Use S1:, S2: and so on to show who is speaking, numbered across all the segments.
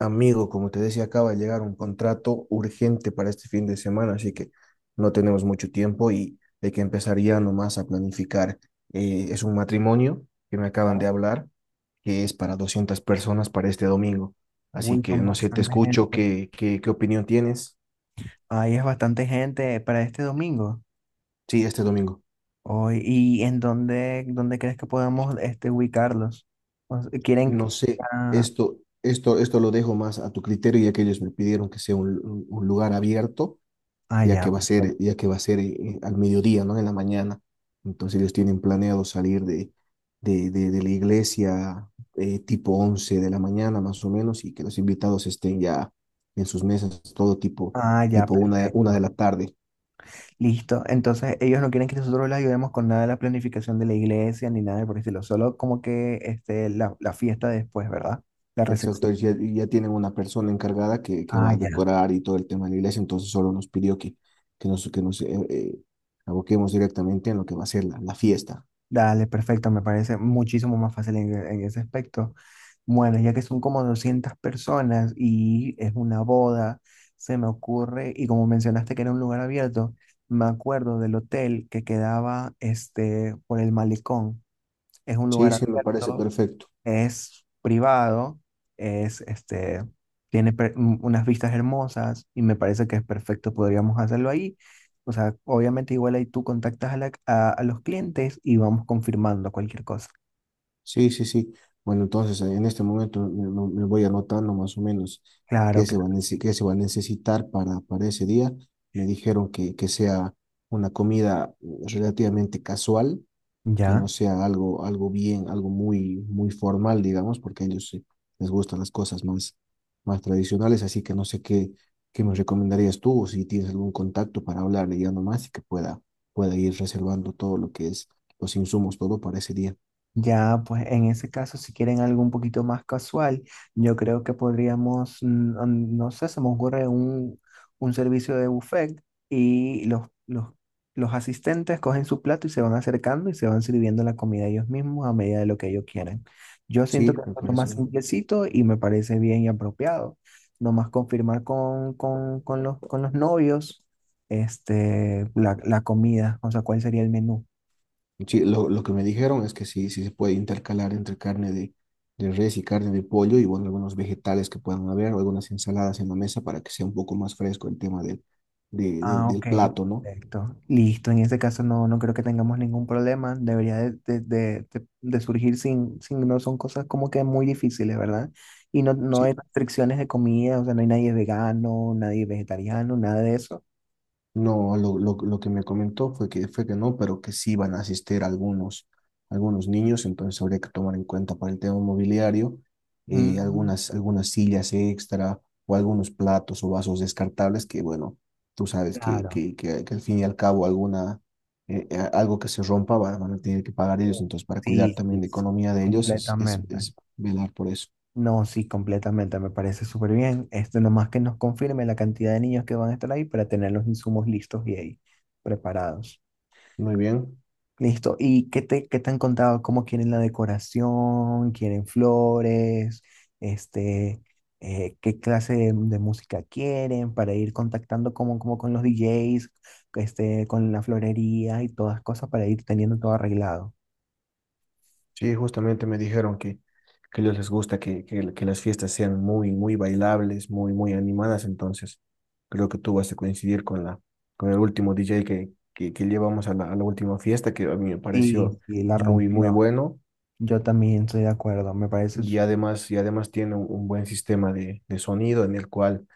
S1: Amigo, como te decía, acaba de llegar un contrato urgente para este fin de semana, así que no tenemos mucho tiempo y hay que empezar ya nomás a planificar. Es un matrimonio que me acaban de hablar, que es para 200 personas para este domingo. Así
S2: Uy,
S1: que
S2: con
S1: no sé, te
S2: bastante
S1: escucho,
S2: gente.
S1: ¿qué opinión tienes?
S2: Ahí es bastante gente para este domingo.
S1: Sí, este domingo.
S2: Hoy, ¿y en dónde crees que podemos este, ubicarlos? O sea, ¿quieren?
S1: No sé,
S2: Ah,
S1: esto lo dejo más a tu criterio, ya que ellos me pidieron que sea un lugar abierto,
S2: ah,
S1: ya que
S2: ya,
S1: va a ser,
S2: perfecto.
S1: ya que va a ser al mediodía, ¿no? En la mañana. Entonces ellos tienen planeado salir de la iglesia, tipo 11 de la mañana más o menos, y que los invitados estén ya en sus mesas,
S2: Ah, ya,
S1: tipo una de
S2: perfecto.
S1: la tarde.
S2: Listo. Entonces, ellos no quieren que nosotros les ayudemos con nada de la planificación de la iglesia ni nada por el estilo. Solo como que este, la fiesta después, ¿verdad? La recepción.
S1: Exacto, y ya tienen una persona encargada que
S2: Ah,
S1: va a
S2: ya.
S1: decorar y todo el tema de la iglesia, entonces solo nos pidió que nos aboquemos directamente en lo que va a ser la, la fiesta.
S2: Dale, perfecto. Me parece muchísimo más fácil en ese aspecto. Bueno, ya que son como 200 personas y es una boda, se me ocurre, y como mencionaste que era un lugar abierto, me acuerdo del hotel que quedaba este, por el malecón. Es un
S1: Sí,
S2: lugar
S1: sí, me parece
S2: abierto,
S1: perfecto.
S2: es privado, es, este, tiene unas vistas hermosas y me parece que es perfecto, podríamos hacerlo ahí. O sea, obviamente igual ahí tú contactas a, la- a los clientes y vamos confirmando cualquier cosa.
S1: Sí, sí, sí. Bueno, entonces, en este momento me voy anotando más o menos
S2: Claro, claro.
S1: qué se va a necesitar para ese día. Me dijeron que sea una comida, relativamente casual, que
S2: Ya.
S1: no sea algo, algo muy, muy formal, digamos, porque a ellos, les gustan las cosas más, más tradicionales. Así que no sé qué me recomendarías tú, o si tienes algún contacto para hablarle ya nomás y que pueda ir reservando todo lo que es los insumos, todo para ese día.
S2: Ya, pues en ese caso, si quieren algo un poquito más casual, yo creo que podríamos, no sé, se me ocurre un servicio de buffet y los asistentes cogen su plato y se van acercando y se van sirviendo la comida ellos mismos a medida de lo que ellos quieran. Yo siento
S1: Sí,
S2: que es
S1: me
S2: lo más
S1: parece bien.
S2: simplecito y me parece bien y apropiado. Nomás confirmar con los novios este, la comida, o sea, cuál sería el menú.
S1: Sí, lo que me dijeron es que sí, sí se puede intercalar entre carne de res y carne de pollo y bueno, algunos vegetales que puedan haber o algunas ensaladas en la mesa para que sea un poco más fresco el tema del, de- de-
S2: Ah,
S1: del
S2: ok,
S1: plato, ¿no?
S2: perfecto. Listo, en este caso no, no creo que tengamos ningún problema. Debería de surgir sin, no son cosas como que muy difíciles, ¿verdad? Y no, no hay
S1: Sí.
S2: restricciones de comida, o sea, no hay nadie vegano, nadie vegetariano, nada de eso.
S1: No, lo que me comentó fue que no, pero que sí van a asistir algunos niños, entonces habría que tomar en cuenta para el tema mobiliario,
S2: Mm,
S1: algunas sillas extra o algunos platos o vasos descartables que, bueno, tú sabes que,
S2: claro.
S1: que, que, que al fin y al cabo alguna, algo que se rompa va- van a tener que pagar ellos, entonces para cuidar
S2: Sí, sí,
S1: también la
S2: sí,
S1: economía de ellos es, es,
S2: completamente.
S1: es velar por eso.
S2: No, sí, completamente, me parece súper bien. Esto nomás que nos confirme la cantidad de niños que van a estar ahí para tener los insumos listos y ahí preparados.
S1: Muy bien.
S2: Listo. ¿Y qué te han contado? ¿Cómo quieren la decoración? ¿Quieren flores? Este, ¿qué clase de música quieren para ir contactando como con los DJs, este, con la florería y todas cosas para ir teniendo todo arreglado?
S1: Sí, justamente me dijeron que a ellos les gusta que las fiestas sean muy, muy bailables, muy, muy animadas. Entonces, creo que tú vas a coincidir con con el último DJ que llevamos a la última fiesta, que a mí me
S2: Sí,
S1: pareció
S2: sí, la
S1: muy, muy
S2: rompió.
S1: bueno,
S2: Yo también estoy de acuerdo. Me parece.
S1: y además tiene un buen sistema de sonido en el cual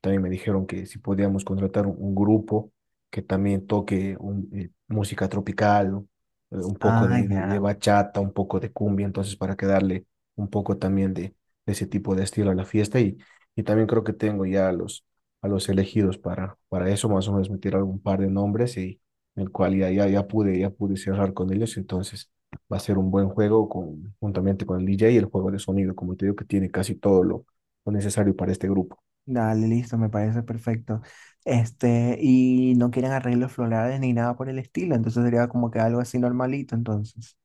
S1: también me dijeron que si podíamos contratar un grupo que también toque música tropical, o, un poco
S2: Ah,
S1: de
S2: ya.
S1: bachata, un poco de cumbia, entonces para que darle un poco también de ese tipo de estilo a la fiesta, y también creo que tengo ya a los elegidos para eso, más o menos me tiraron un par de nombres y en el cual ya pude cerrar con ellos. Entonces va a ser un buen juego juntamente con el DJ y el juego de sonido, como te digo, que tiene casi todo lo necesario para este grupo.
S2: Dale, listo, me parece perfecto. Este, y no quieren arreglos florales ni nada por el estilo, entonces sería como que algo así normalito, entonces.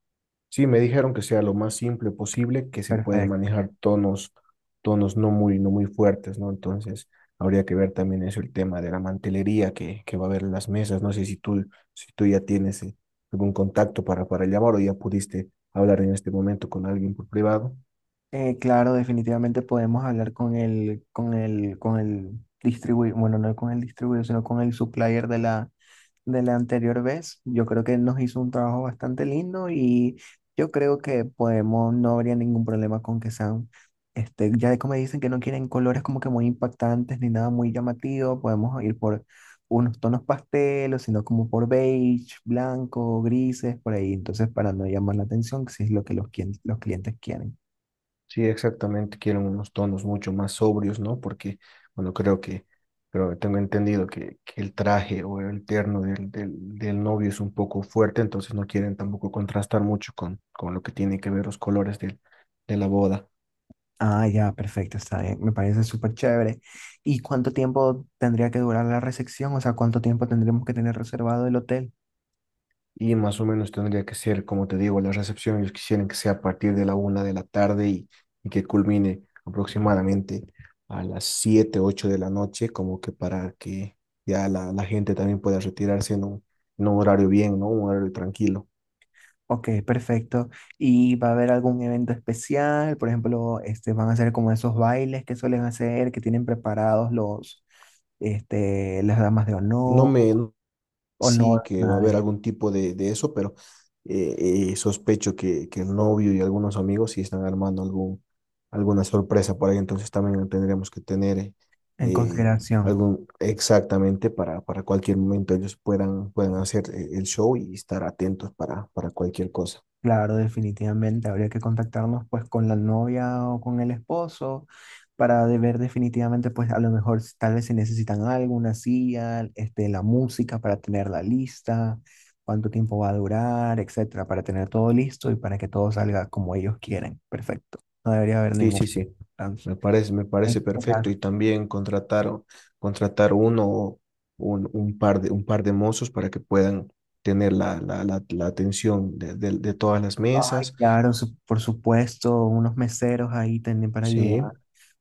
S1: Sí, me dijeron que sea lo más simple posible, que se puede
S2: Perfecto.
S1: manejar tonos no muy fuertes, ¿no? Entonces habría que ver también eso, el tema de la mantelería que va a haber en las mesas. No sé si tú ya tienes, algún contacto para llamar o ya pudiste hablar en este momento con alguien por privado.
S2: Claro, definitivamente podemos hablar con el distribuidor, bueno, no con el distribuidor, sino con el supplier de la anterior vez. Yo creo que nos hizo un trabajo bastante lindo y yo creo que podemos, no habría ningún problema con que sean, este, ya como dicen que no quieren colores como que muy impactantes ni nada muy llamativo, podemos ir por unos tonos pastelos, sino como por beige, blanco, grises, por ahí. Entonces, para no llamar la atención, si es lo que los, los clientes quieren.
S1: Sí, exactamente, quieren unos tonos mucho más sobrios, ¿no? Porque, bueno, pero tengo entendido que el traje o el terno del novio es un poco fuerte, entonces no quieren tampoco contrastar mucho con lo que tiene que ver los colores de la boda.
S2: Ah, ya, perfecto, está bien. Me parece súper chévere. ¿Y cuánto tiempo tendría que durar la recepción? O sea, ¿cuánto tiempo tendremos que tener reservado el hotel?
S1: Y más o menos tendría que ser, como te digo, la recepción ellos quisieran que sea a partir de la una de la tarde, y que culmine aproximadamente a las 7, 8 de la noche, como que para que ya la gente también pueda retirarse en un horario bien, ¿no? Un horario tranquilo.
S2: Ok, perfecto. ¿Y va a haber algún evento especial? Por ejemplo, este, van a hacer como esos bailes que suelen hacer, que tienen preparados los, este, las damas de
S1: No
S2: honor,
S1: me,
S2: o
S1: sí,
S2: no,
S1: que va a
S2: nada
S1: haber
S2: de-
S1: algún tipo de eso, pero sospecho que el novio y algunos amigos sí están armando alguna sorpresa por ahí, entonces también tendremos que tener,
S2: en
S1: eh,
S2: consideración.
S1: algún exactamente para cualquier momento ellos puedan hacer, el show y estar atentos para cualquier cosa.
S2: Claro, definitivamente habría que contactarnos pues con la novia o con el esposo para de ver definitivamente pues a lo mejor tal vez se necesitan algo, una silla, este, la música para tener la lista, cuánto tiempo va a durar, etcétera, para tener todo listo y para que todo salga como ellos quieren. Perfecto. No debería haber
S1: Sí,
S2: ningún
S1: sí, sí.
S2: trance.
S1: Me parece
S2: Ay,
S1: perfecto.
S2: claro,
S1: Y también contratar uno o un par de mozos para que puedan tener la atención de todas las
S2: ay,
S1: mesas.
S2: claro, por supuesto, unos meseros ahí también para
S1: Sí,
S2: ayudar.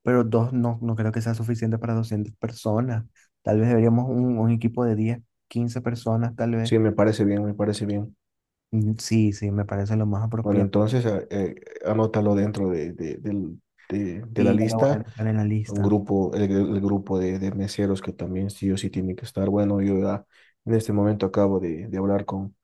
S2: Pero dos no, no creo que sea suficiente para 200 personas. Tal vez deberíamos un equipo de 10 15 personas, tal vez.
S1: sí, me parece bien, me parece bien.
S2: Mm, sí, sí, me parece lo más
S1: Bueno,
S2: apropiado.
S1: entonces, anótalo dentro de la
S2: Y ya lo voy a
S1: lista,
S2: dejar en la
S1: un
S2: lista.
S1: grupo, el grupo de meseros que también sí o sí tiene que estar. Bueno, yo ya en este momento acabo de hablar con,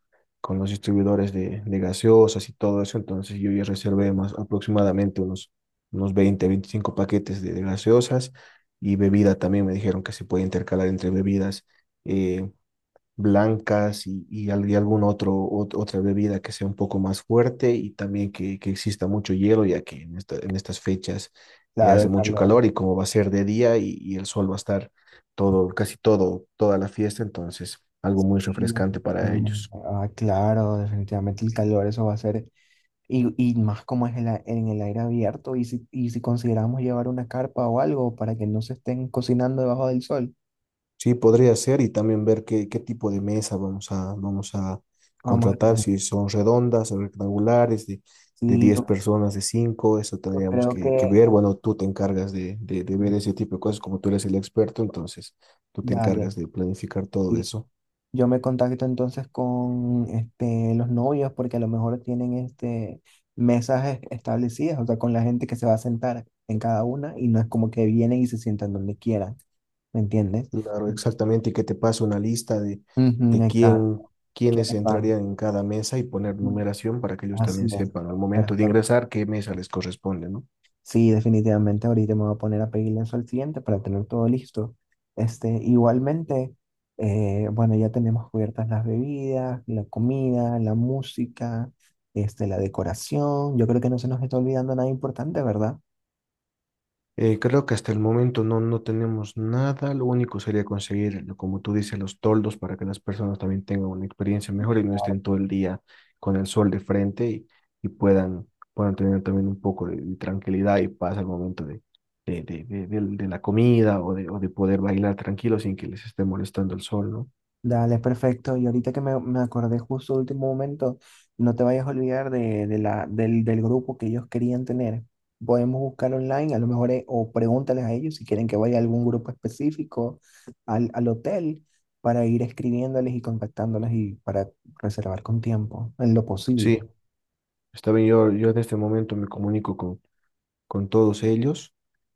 S1: con los distribuidores de gaseosas y todo eso, entonces yo ya reservé más aproximadamente unos 20 25 paquetes de gaseosas, y bebida también me dijeron que se puede intercalar entre bebidas, eh, blancas y algún otra bebida que sea un poco más fuerte, y también que exista mucho hielo, ya que en estas fechas,
S2: Claro,
S1: hace
S2: el
S1: mucho
S2: calor.
S1: calor y como va a ser de día, y el sol va a estar toda la fiesta, entonces algo muy refrescante para ellos.
S2: Ah, claro, definitivamente el calor, eso va a ser. Y, más como es el en el aire abierto, y si consideramos llevar una carpa o algo para que no se estén cocinando debajo del sol,
S1: Sí, podría ser, y también ver qué tipo de mesa vamos a
S2: vamos a
S1: contratar,
S2: tener.
S1: si son redondas o rectangulares, de
S2: Sí,
S1: 10 personas, de cinco, eso
S2: yo
S1: tendríamos
S2: creo
S1: que
S2: que.
S1: ver. Bueno, tú te encargas de ver ese tipo de cosas, como tú eres el experto, entonces tú te
S2: Dale.
S1: encargas de planificar todo eso.
S2: Yo me contacto entonces con este, los novios porque a lo mejor tienen este, mesas establecidas, o sea, con la gente que se va a sentar en cada una y no es como que vienen y se sientan donde quieran, ¿me entiendes?
S1: Claro, exactamente, y que te pase una lista de,
S2: Ujú,
S1: de
S2: exacto.
S1: quiénes
S2: ¿Quiénes van?
S1: entrarían en cada mesa y poner numeración para que ellos
S2: Así
S1: también
S2: es.
S1: sepan al momento de
S2: Perfecto.
S1: ingresar qué mesa les corresponde, ¿no?
S2: Sí, definitivamente ahorita me voy a poner a pedirle eso al cliente para tener todo listo. Este, igualmente, bueno, ya tenemos cubiertas las bebidas, la comida, la música, este, la decoración. Yo creo que no se nos está olvidando nada importante, ¿verdad?
S1: Creo que hasta el momento no tenemos nada. Lo único sería conseguir, como tú dices, los toldos para que las personas también tengan una experiencia mejor y no estén todo el día con el sol de frente, y puedan tener también un poco de tranquilidad y paz al momento de la comida, o de poder bailar tranquilo sin que les esté molestando el sol, ¿no?
S2: Dale, perfecto. Y ahorita que me acordé justo último momento, no te vayas a olvidar del grupo que ellos querían tener. Podemos buscar online, a lo mejor, o pregúntales a ellos si quieren que vaya a algún grupo específico al hotel para ir escribiéndoles y contactándoles y para reservar con tiempo, en lo posible.
S1: Sí, está bien. Yo en este momento me comunico con todos ellos,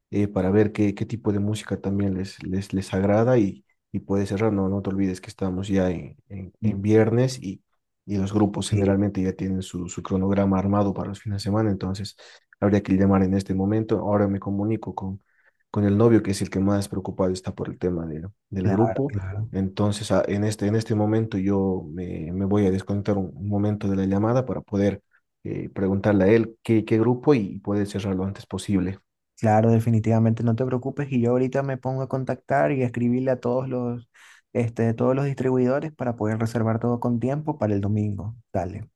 S1: para ver qué tipo de música también les agrada, y puedes cerrar. No, no te olvides que estamos ya en
S2: Mm,
S1: viernes, y los grupos
S2: sí,
S1: generalmente ya tienen su cronograma armado para los fines de semana, entonces habría que llamar en este momento. Ahora me comunico con el novio, que es el que más preocupado está por el tema del
S2: claro,
S1: grupo.
S2: claro.
S1: Entonces, en este momento yo me voy a desconectar un momento de la llamada para poder, preguntarle a él qué grupo y puede cerrar lo antes posible.
S2: Claro, definitivamente no te preocupes y yo ahorita me pongo a contactar y a escribirle a todos los, este, todos los distribuidores para poder reservar todo con tiempo para el domingo. Dale,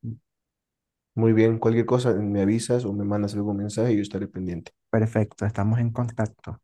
S1: Muy bien, cualquier cosa me avisas o me mandas algún mensaje y yo estaré pendiente.
S2: perfecto, estamos en contacto.